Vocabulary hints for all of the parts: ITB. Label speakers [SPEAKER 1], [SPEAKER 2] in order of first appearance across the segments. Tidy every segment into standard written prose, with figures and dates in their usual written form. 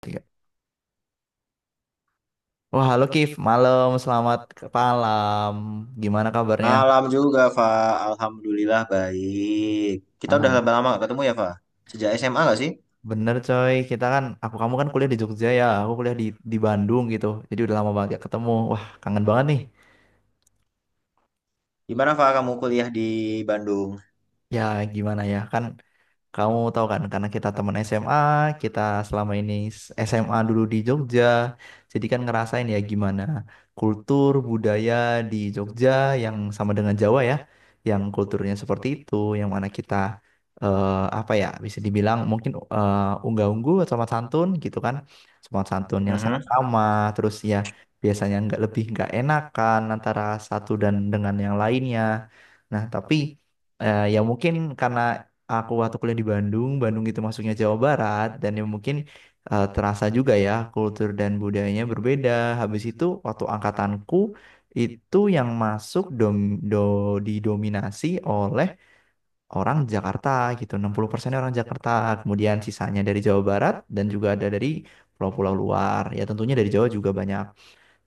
[SPEAKER 1] Tiga. Wah, halo Kif, malam, selamat malam. Gimana kabarnya?
[SPEAKER 2] Malam juga, Fa. Alhamdulillah baik. Kita udah
[SPEAKER 1] Alhamdulillah.
[SPEAKER 2] lama-lama gak ketemu ya, Fa. Sejak SMA gak sih?
[SPEAKER 1] Bener coy, aku kamu kan kuliah di Jogja ya, aku kuliah di Bandung gitu. Jadi udah lama banget gak ketemu. Wah, kangen banget nih.
[SPEAKER 2] Gimana, Fa, kamu kuliah di Bandung?
[SPEAKER 1] Ya gimana ya, kan. Kamu tahu kan, karena kita teman SMA, kita selama ini s- SMA dulu di Jogja, jadi kan ngerasain ya gimana kultur budaya di Jogja yang sama dengan Jawa ya, yang kulturnya seperti itu, yang mana kita eh, apa ya, bisa dibilang mungkin unggah-ungguh atau sopan santun gitu kan, sopan santun yang sangat
[SPEAKER 2] Mhm.
[SPEAKER 1] ramah, terus ya biasanya nggak lebih nggak enakan antara satu dan dengan yang lainnya. Nah tapi, ya mungkin karena aku waktu kuliah di Bandung, Bandung itu masuknya Jawa Barat dan yang mungkin terasa juga ya kultur dan budayanya berbeda. Habis itu waktu angkatanku itu yang do, didominasi oleh orang Jakarta gitu. 60% orang Jakarta, kemudian sisanya dari Jawa Barat dan juga ada dari pulau-pulau luar. Ya tentunya dari Jawa juga banyak.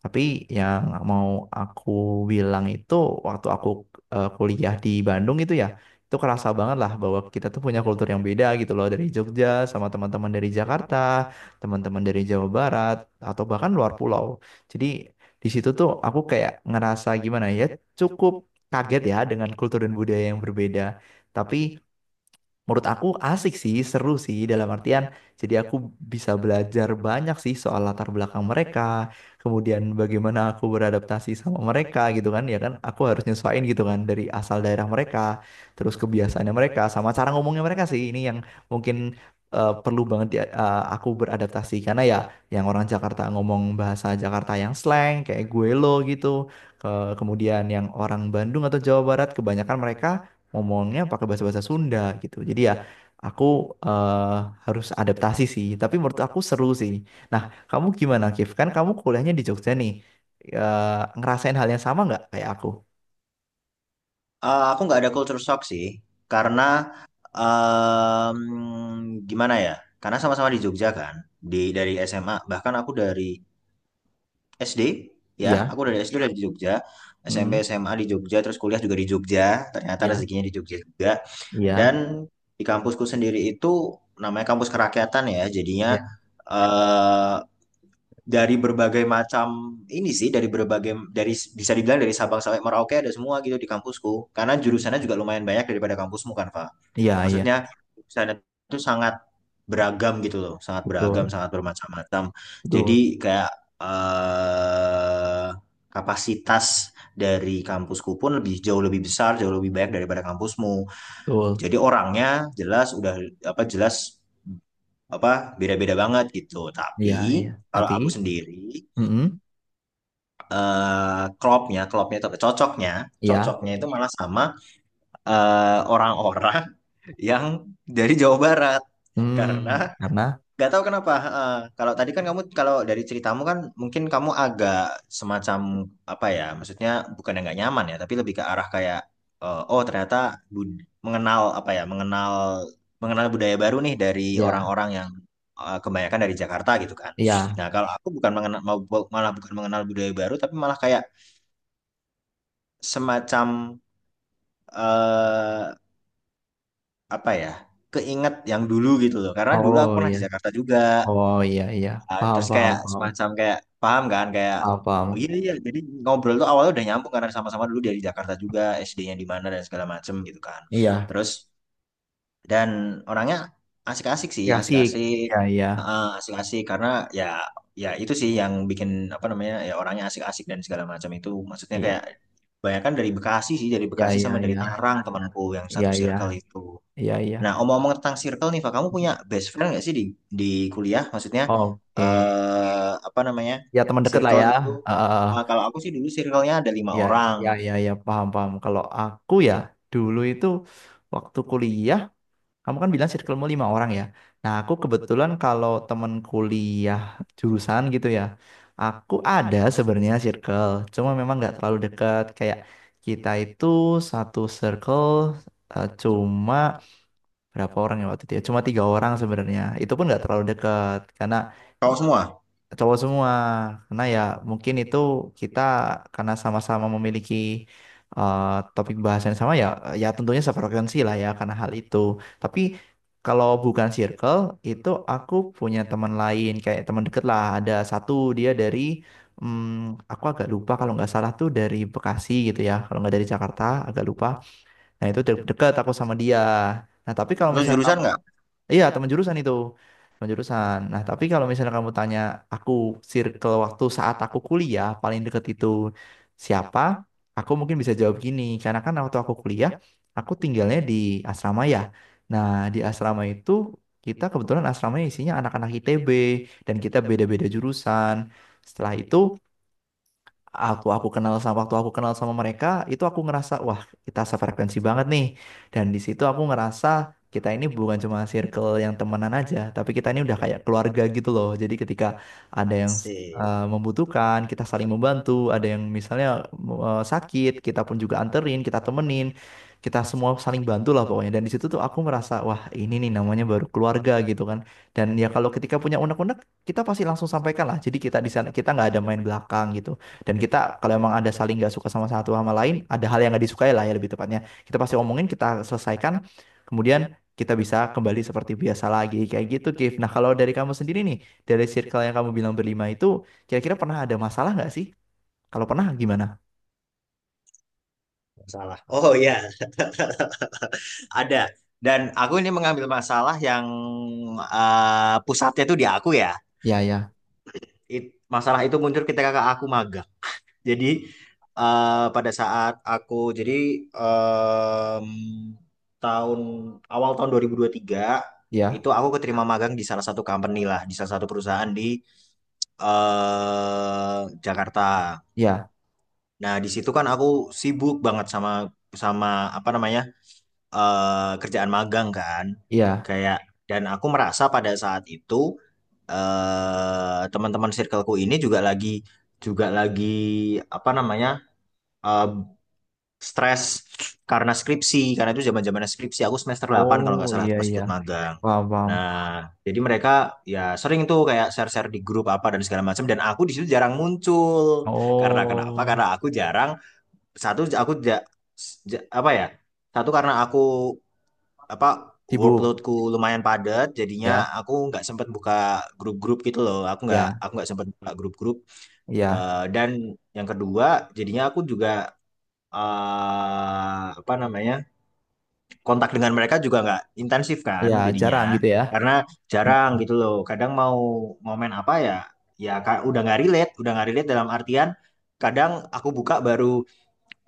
[SPEAKER 1] Tapi yang mau aku bilang itu waktu aku kuliah di Bandung itu ya, itu kerasa banget lah bahwa kita tuh punya kultur yang beda gitu loh dari Jogja sama teman-teman dari Jakarta, teman-teman dari Jawa Barat atau bahkan luar pulau. Jadi di situ tuh aku kayak ngerasa gimana ya, cukup kaget ya dengan kultur dan budaya yang berbeda. Tapi menurut aku asik sih, seru sih, dalam artian jadi aku bisa belajar banyak sih soal latar belakang mereka, kemudian bagaimana aku beradaptasi sama mereka gitu kan, ya kan aku harus nyesuaiin gitu kan dari asal daerah mereka, terus kebiasaannya mereka sama cara ngomongnya mereka sih ini yang mungkin perlu banget aku beradaptasi karena ya yang orang Jakarta ngomong bahasa Jakarta yang slang kayak gue lo gitu. Kemudian yang orang Bandung atau Jawa Barat kebanyakan mereka ngomongnya pakai bahasa-bahasa Sunda gitu. Jadi ya aku eh, harus adaptasi sih, tapi menurut aku seru sih. Nah, kamu gimana, Kif? Kan kamu kuliahnya di Jogja nih. Eh, ngerasain hal yang sama nggak kayak aku?
[SPEAKER 2] Aku nggak ada culture shock sih, karena em, gimana ya? Karena sama-sama di Jogja kan, dari SMA. Bahkan aku dari SD, ya,
[SPEAKER 1] Iya,
[SPEAKER 2] aku dari SD udah di Jogja, SMP
[SPEAKER 1] hmm,
[SPEAKER 2] SMA di Jogja, terus kuliah juga di Jogja. Ternyata
[SPEAKER 1] iya,
[SPEAKER 2] rezekinya di Jogja juga. Dan
[SPEAKER 1] iya,
[SPEAKER 2] di kampusku sendiri itu namanya kampus kerakyatan ya, jadinya
[SPEAKER 1] iya,
[SPEAKER 2] eh, dari berbagai macam ini sih, dari bisa dibilang dari Sabang sampai Merauke ada semua gitu di kampusku. Karena jurusannya juga lumayan banyak daripada kampusmu kan, Pak.
[SPEAKER 1] iya, iya,
[SPEAKER 2] Maksudnya jurusannya itu sangat beragam gitu loh, sangat beragam,
[SPEAKER 1] betul,
[SPEAKER 2] sangat bermacam-macam. Jadi
[SPEAKER 1] betul,
[SPEAKER 2] kayak eh kapasitas dari kampusku pun lebih jauh lebih besar, jauh lebih banyak daripada kampusmu,
[SPEAKER 1] betul,
[SPEAKER 2] jadi orangnya jelas udah, apa, jelas, apa, beda-beda banget gitu. Tapi
[SPEAKER 1] iya, iya.
[SPEAKER 2] kalau
[SPEAKER 1] Tapi,
[SPEAKER 2] aku sendiri
[SPEAKER 1] mm,
[SPEAKER 2] klopnya atau cocoknya,
[SPEAKER 1] iya,
[SPEAKER 2] cocoknya itu malah sama orang-orang yang dari Jawa Barat, karena
[SPEAKER 1] hmm, karena,
[SPEAKER 2] gak tahu kenapa. Kalau tadi kan kamu, kalau dari ceritamu kan mungkin kamu agak semacam apa ya? Maksudnya bukan yang nggak nyaman ya, tapi lebih ke arah kayak, oh ternyata mengenal apa ya? Mengenal mengenal budaya baru nih dari
[SPEAKER 1] ya,
[SPEAKER 2] orang-orang yang kebanyakan dari Jakarta gitu kan.
[SPEAKER 1] iya,
[SPEAKER 2] Nah, kalau aku bukan mengenal, malah bukan mengenal budaya baru, tapi malah kayak semacam eh apa ya? Keinget yang dulu gitu loh. Karena dulu
[SPEAKER 1] oh
[SPEAKER 2] aku pernah
[SPEAKER 1] iya,
[SPEAKER 2] di Jakarta juga.
[SPEAKER 1] oh iya, iya,
[SPEAKER 2] Nah,
[SPEAKER 1] paham,
[SPEAKER 2] terus
[SPEAKER 1] paham,
[SPEAKER 2] kayak
[SPEAKER 1] paham,
[SPEAKER 2] semacam kayak paham kan kayak,
[SPEAKER 1] paham,
[SPEAKER 2] "Oh,
[SPEAKER 1] paham.
[SPEAKER 2] iya iya, jadi ngobrol tuh awalnya udah nyambung karena sama-sama dulu dari Jakarta juga, SD-nya di mana dan segala macem gitu kan."
[SPEAKER 1] Iya,
[SPEAKER 2] Terus dan orangnya asik-asik sih,
[SPEAKER 1] ya sih,
[SPEAKER 2] asik-asik.
[SPEAKER 1] iya, iya.
[SPEAKER 2] Heeh, asik-asik karena ya ya itu sih yang bikin, apa namanya, ya orangnya asik-asik dan segala macam itu, maksudnya kayak
[SPEAKER 1] Iya.
[SPEAKER 2] banyak kan dari Bekasi sih dari
[SPEAKER 1] Ya,
[SPEAKER 2] Bekasi sama
[SPEAKER 1] ya,
[SPEAKER 2] dari
[SPEAKER 1] ya,
[SPEAKER 2] Tangerang, temanku yang satu
[SPEAKER 1] ya,
[SPEAKER 2] circle
[SPEAKER 1] ya,
[SPEAKER 2] itu.
[SPEAKER 1] ya,
[SPEAKER 2] Nah,
[SPEAKER 1] ya.
[SPEAKER 2] omong-omong tentang circle nih, Pak, kamu punya best friend nggak sih di di kuliah? Maksudnya
[SPEAKER 1] Oke.
[SPEAKER 2] apa namanya,
[SPEAKER 1] Ya, teman deket lah
[SPEAKER 2] circle
[SPEAKER 1] ya.
[SPEAKER 2] gitu?
[SPEAKER 1] Heeh.
[SPEAKER 2] Ah, kalau aku sih dulu circle-nya ada lima
[SPEAKER 1] Ya,
[SPEAKER 2] orang.
[SPEAKER 1] ya, ya, ya, paham, paham. Kalau aku ya, dulu itu waktu kuliah, kamu kan bilang circlemu 5 orang ya. Nah, aku kebetulan kalau teman kuliah jurusan gitu ya, aku ada sebenarnya circle, cuma memang nggak terlalu dekat. Kayak kita itu satu circle, cuma berapa orang ya waktu itu ya? Cuma 3 orang sebenarnya. Itu pun nggak terlalu dekat karena
[SPEAKER 2] Kau semua?
[SPEAKER 1] cowok semua. Karena ya mungkin itu kita karena sama-sama memiliki eh, topik bahasan yang sama ya, ya tentunya sefrekuensi lah ya karena hal itu. Tapi kalau bukan circle itu, aku punya teman lain kayak teman deket lah. Ada satu, dia dari hmm, aku agak lupa, kalau nggak salah tuh dari Bekasi gitu ya, kalau nggak dari Jakarta, agak lupa. Nah itu deket aku sama dia. Nah tapi kalau
[SPEAKER 2] Atau
[SPEAKER 1] misalnya,
[SPEAKER 2] jurusan nggak?
[SPEAKER 1] iya, teman jurusan itu. Teman jurusan. Nah, tapi kalau misalnya kamu tanya aku circle waktu saat aku kuliah paling deket itu siapa? Aku mungkin bisa jawab gini, karena kan waktu aku kuliah, aku tinggalnya di asrama ya. Nah, di asrama itu kita kebetulan asramanya isinya anak-anak ITB dan kita beda-beda jurusan. Setelah itu aku kenal sama waktu aku kenal sama mereka itu aku ngerasa wah kita sefrekuensi banget nih, dan di situ aku ngerasa kita ini bukan cuma circle yang temenan aja tapi kita ini udah kayak keluarga gitu loh, jadi ketika ada yang
[SPEAKER 2] Sih,
[SPEAKER 1] membutuhkan kita saling membantu, ada yang misalnya sakit kita pun juga anterin, kita temenin, kita semua saling bantu lah pokoknya, dan di situ tuh aku merasa wah ini nih namanya baru keluarga gitu kan, dan ya kalau ketika punya unek-unek kita pasti langsung sampaikan lah, jadi kita di sana kita nggak ada main belakang gitu, dan kita kalau emang ada saling nggak suka sama satu sama lain, ada hal yang nggak disukai lah ya lebih tepatnya. Kita pasti omongin, kita selesaikan, kemudian kita bisa kembali seperti biasa lagi kayak gitu, Kif. Nah kalau dari kamu sendiri nih, dari circle yang kamu bilang berlima itu, kira-kira pernah ada masalah nggak sih? Kalau pernah gimana?
[SPEAKER 2] masalah. Oh iya, ada. Dan aku ini mengambil masalah yang pusatnya itu di aku ya.
[SPEAKER 1] Ya, ya,
[SPEAKER 2] It- Masalah itu muncul ketika aku magang. Jadi pada saat aku jadi em, tahun awal tahun dua ribu tiga
[SPEAKER 1] ya,
[SPEAKER 2] itu, aku keterima magang di salah satu company lah, di salah satu perusahaan di eh Jakarta.
[SPEAKER 1] ya,
[SPEAKER 2] Nah, di situ kan aku sibuk banget sama sama apa namanya, kerjaan magang kan.
[SPEAKER 1] ya.
[SPEAKER 2] Kayak dan aku merasa pada saat itu teman-teman circleku ini juga lagi apa namanya, eh, stres karena skripsi, karena itu zaman zaman skripsi, aku semester delapan kalau nggak
[SPEAKER 1] Oh
[SPEAKER 2] salah
[SPEAKER 1] iya
[SPEAKER 2] tuh pas
[SPEAKER 1] iya,
[SPEAKER 2] ikut magang.
[SPEAKER 1] paham paham.
[SPEAKER 2] Nah, jadi mereka ya sering tuh kayak share share di grup apa dan segala macam, dan aku di situ jarang muncul, karena kenapa,
[SPEAKER 1] Oh,
[SPEAKER 2] karena aku jarang. Satu, aku apa ya, satu karena aku, apa,
[SPEAKER 1] sibuk.
[SPEAKER 2] workloadku lumayan padat jadinya
[SPEAKER 1] Ya,
[SPEAKER 2] aku nggak sempat buka grup-grup gitu loh, aku nggak
[SPEAKER 1] ya,
[SPEAKER 2] aku nggak sempat buka grup-grup.
[SPEAKER 1] ya,
[SPEAKER 2] Dan yang kedua, jadinya aku juga apa namanya, kontak dengan mereka juga nggak intensif kan,
[SPEAKER 1] ya, jarang
[SPEAKER 2] jadinya
[SPEAKER 1] gitu ya.
[SPEAKER 2] karena jarang
[SPEAKER 1] Hmm.
[SPEAKER 2] gitu loh. Kadang mau momen apa ya, ya udah nggak relate dalam artian kadang aku buka baru,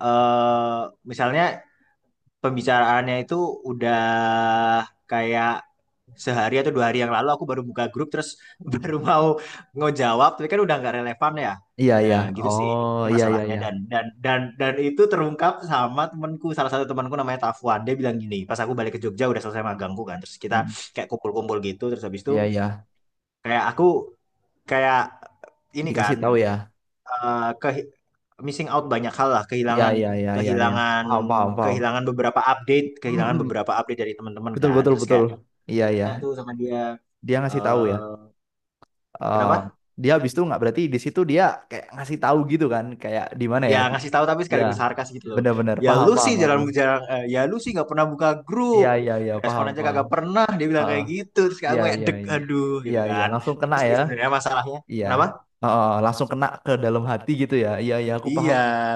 [SPEAKER 2] eh misalnya pembicaraannya itu udah kayak sehari atau dua hari yang lalu aku baru buka grup, terus baru mau ngejawab tapi kan udah nggak relevan ya.
[SPEAKER 1] Iya, ya.
[SPEAKER 2] Nah, gitu sih
[SPEAKER 1] Oh,
[SPEAKER 2] ini
[SPEAKER 1] iya, iya,
[SPEAKER 2] masalahnya,
[SPEAKER 1] ya.
[SPEAKER 2] dan itu terungkap sama salah satu temanku namanya Tafuan. Dia bilang gini pas aku balik ke Jogja udah selesai magangku kan, terus kita
[SPEAKER 1] Hmm.
[SPEAKER 2] kayak kumpul-kumpul gitu. Terus habis
[SPEAKER 1] Iya,
[SPEAKER 2] itu
[SPEAKER 1] ya.
[SPEAKER 2] kayak aku kayak ini
[SPEAKER 1] Dikasih
[SPEAKER 2] kan,
[SPEAKER 1] tahu tahu ya,
[SPEAKER 2] eh, ke- missing out banyak hal lah,
[SPEAKER 1] iya
[SPEAKER 2] kehilangan
[SPEAKER 1] iya iya iya iya,
[SPEAKER 2] kehilangan
[SPEAKER 1] paham paham paham.
[SPEAKER 2] kehilangan beberapa update,
[SPEAKER 1] Mm, mm.
[SPEAKER 2] dari teman-teman
[SPEAKER 1] Betul
[SPEAKER 2] kan.
[SPEAKER 1] betul
[SPEAKER 2] Terus
[SPEAKER 1] betul,
[SPEAKER 2] kayak,
[SPEAKER 1] iya iya,
[SPEAKER 2] ya, tuh sama dia.
[SPEAKER 1] dia ngasih tahu ya.
[SPEAKER 2] eh
[SPEAKER 1] Eh
[SPEAKER 2] Kenapa?
[SPEAKER 1] dia habis itu nggak berarti di situ dia kayak ngasih tahu gitu kan kayak di mana ya.
[SPEAKER 2] Ya ngasih tahu tapi
[SPEAKER 1] Iya,
[SPEAKER 2] sekaligus sarkas gitu loh.
[SPEAKER 1] benar-benar
[SPEAKER 2] "Ya
[SPEAKER 1] paham
[SPEAKER 2] lu sih
[SPEAKER 1] paham aku,
[SPEAKER 2] jarang jarang, ya lu sih nggak pernah buka
[SPEAKER 1] iya
[SPEAKER 2] grup.
[SPEAKER 1] iya iya
[SPEAKER 2] Respon
[SPEAKER 1] paham
[SPEAKER 2] aja
[SPEAKER 1] paham.
[SPEAKER 2] kagak pernah," dia bilang
[SPEAKER 1] Heeh.
[SPEAKER 2] kayak gitu. Terus kayak
[SPEAKER 1] Iya
[SPEAKER 2] aku kayak,
[SPEAKER 1] iya
[SPEAKER 2] deg,
[SPEAKER 1] iya
[SPEAKER 2] aduh
[SPEAKER 1] iya
[SPEAKER 2] gitu
[SPEAKER 1] iya,
[SPEAKER 2] kan.
[SPEAKER 1] langsung kena
[SPEAKER 2] Terus sih
[SPEAKER 1] ya,
[SPEAKER 2] sebenarnya masalahnya,
[SPEAKER 1] iya.
[SPEAKER 2] kenapa?
[SPEAKER 1] Heeh, langsung kena ke dalam hati gitu ya, iya iya aku
[SPEAKER 2] Iya,
[SPEAKER 1] paham.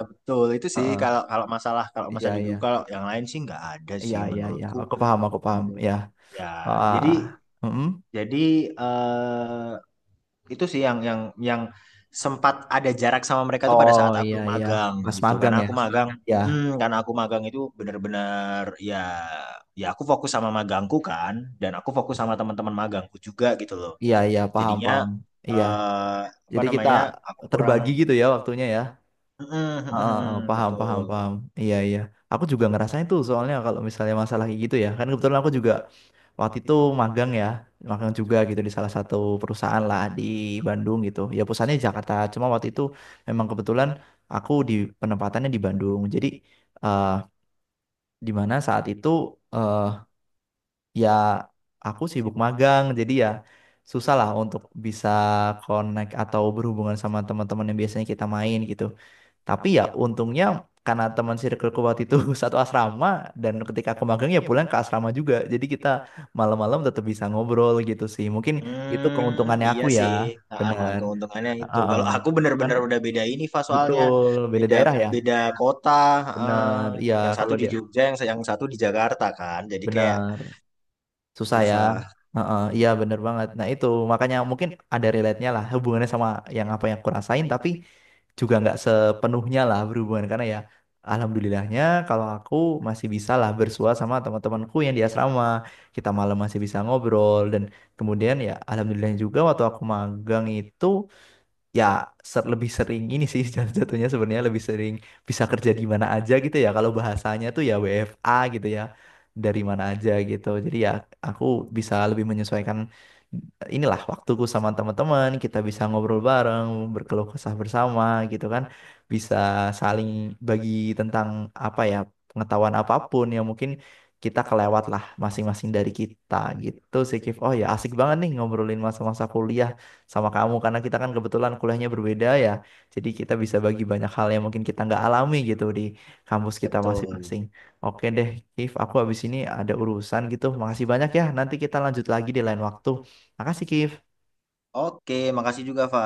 [SPEAKER 2] betul. Itu sih
[SPEAKER 1] Heeh.
[SPEAKER 2] kalau kalau masalah kalau
[SPEAKER 1] Iya
[SPEAKER 2] masalah di
[SPEAKER 1] iya
[SPEAKER 2] grup, kalau yang lain sih nggak ada
[SPEAKER 1] iya
[SPEAKER 2] sih
[SPEAKER 1] iya iya
[SPEAKER 2] menurutku.
[SPEAKER 1] aku paham ya.
[SPEAKER 2] Ya, jadi
[SPEAKER 1] Ah. Mm-mm.
[SPEAKER 2] jadi eh, itu sih yang sempat ada jarak sama mereka tuh pada
[SPEAKER 1] Oh
[SPEAKER 2] saat aku
[SPEAKER 1] iya iya,
[SPEAKER 2] magang
[SPEAKER 1] pas
[SPEAKER 2] gitu.
[SPEAKER 1] magang
[SPEAKER 2] Karena
[SPEAKER 1] ya.
[SPEAKER 2] aku magang,
[SPEAKER 1] Ya,
[SPEAKER 2] mm, karena aku magang itu bener-bener ya, aku fokus sama magangku kan, dan aku fokus sama teman-teman magangku juga gitu loh.
[SPEAKER 1] iya iya paham
[SPEAKER 2] Jadinya
[SPEAKER 1] paham. Iya.
[SPEAKER 2] eh, apa
[SPEAKER 1] Jadi kita
[SPEAKER 2] namanya? Aku kurang.
[SPEAKER 1] terbagi gitu ya waktunya ya.
[SPEAKER 2] Mm, mm,
[SPEAKER 1] Heeh, heeh,
[SPEAKER 2] mm, mm,
[SPEAKER 1] paham paham
[SPEAKER 2] betul.
[SPEAKER 1] paham. Iya iya. Aku juga ngerasain tuh soalnya kalau misalnya masalah kayak gitu ya. Kan kebetulan aku juga waktu itu magang ya, magang juga gitu di salah satu perusahaan lah di Bandung gitu. Ya pusatnya di Jakarta. Cuma waktu itu memang kebetulan aku di penempatannya di Bandung. Jadi eh di mana saat itu, eh, ya aku sibuk magang jadi ya susah lah untuk bisa connect atau berhubungan sama teman-teman yang biasanya kita main gitu, tapi ya untungnya karena teman circleku waktu itu satu asrama dan ketika aku magang ya pulang ke asrama juga, jadi kita malam-malam tetap bisa ngobrol gitu sih, mungkin itu
[SPEAKER 2] Hmm,
[SPEAKER 1] keuntungannya
[SPEAKER 2] iya
[SPEAKER 1] aku ya.
[SPEAKER 2] sih. Ah, ah, ah,
[SPEAKER 1] Bener.
[SPEAKER 2] keuntungannya itu.
[SPEAKER 1] Heeh.
[SPEAKER 2] Kalau aku
[SPEAKER 1] Kan,
[SPEAKER 2] bener-bener udah beda ini, Fa, soalnya
[SPEAKER 1] betul, beda
[SPEAKER 2] beda,
[SPEAKER 1] daerah ya,
[SPEAKER 2] kota. ah.
[SPEAKER 1] bener iya
[SPEAKER 2] Yang satu
[SPEAKER 1] kalau
[SPEAKER 2] di
[SPEAKER 1] dia
[SPEAKER 2] Jogja, yang satu di Jakarta kan. Jadi kayak
[SPEAKER 1] bener. Susah ya.
[SPEAKER 2] susah,
[SPEAKER 1] Heeh, iya bener banget. Nah itu makanya mungkin ada relate-nya lah hubungannya sama yang apa yang aku rasain, tapi juga nggak sepenuhnya lah berhubungan karena ya, alhamdulillahnya kalau aku masih bisa lah bersua sama teman-temanku yang di asrama. Kita malam masih bisa ngobrol dan kemudian ya alhamdulillah juga waktu aku magang itu ya lebih sering ini sih jatuh-jatuhnya sebenarnya lebih sering bisa kerja di mana aja gitu ya, kalau bahasanya tuh ya WFA gitu ya, dari mana aja gitu, jadi ya aku bisa lebih menyesuaikan inilah waktuku sama teman-teman, kita bisa ngobrol bareng, berkeluh kesah bersama gitu kan, bisa saling bagi tentang apa ya, pengetahuan apapun yang mungkin kita kelewat lah masing-masing dari kita gitu sih, Kif. Oh ya asik banget nih ngobrolin masa-masa kuliah sama kamu karena kita kan kebetulan kuliahnya berbeda ya. Jadi kita bisa bagi banyak hal yang mungkin kita nggak alami gitu di kampus kita
[SPEAKER 2] betul.
[SPEAKER 1] masing-masing. Oke deh, Kif, aku habis ini ada urusan gitu. Makasih banyak ya. Nanti kita lanjut lagi di lain waktu. Makasih, Kif.
[SPEAKER 2] Oke, makasih juga, Fa.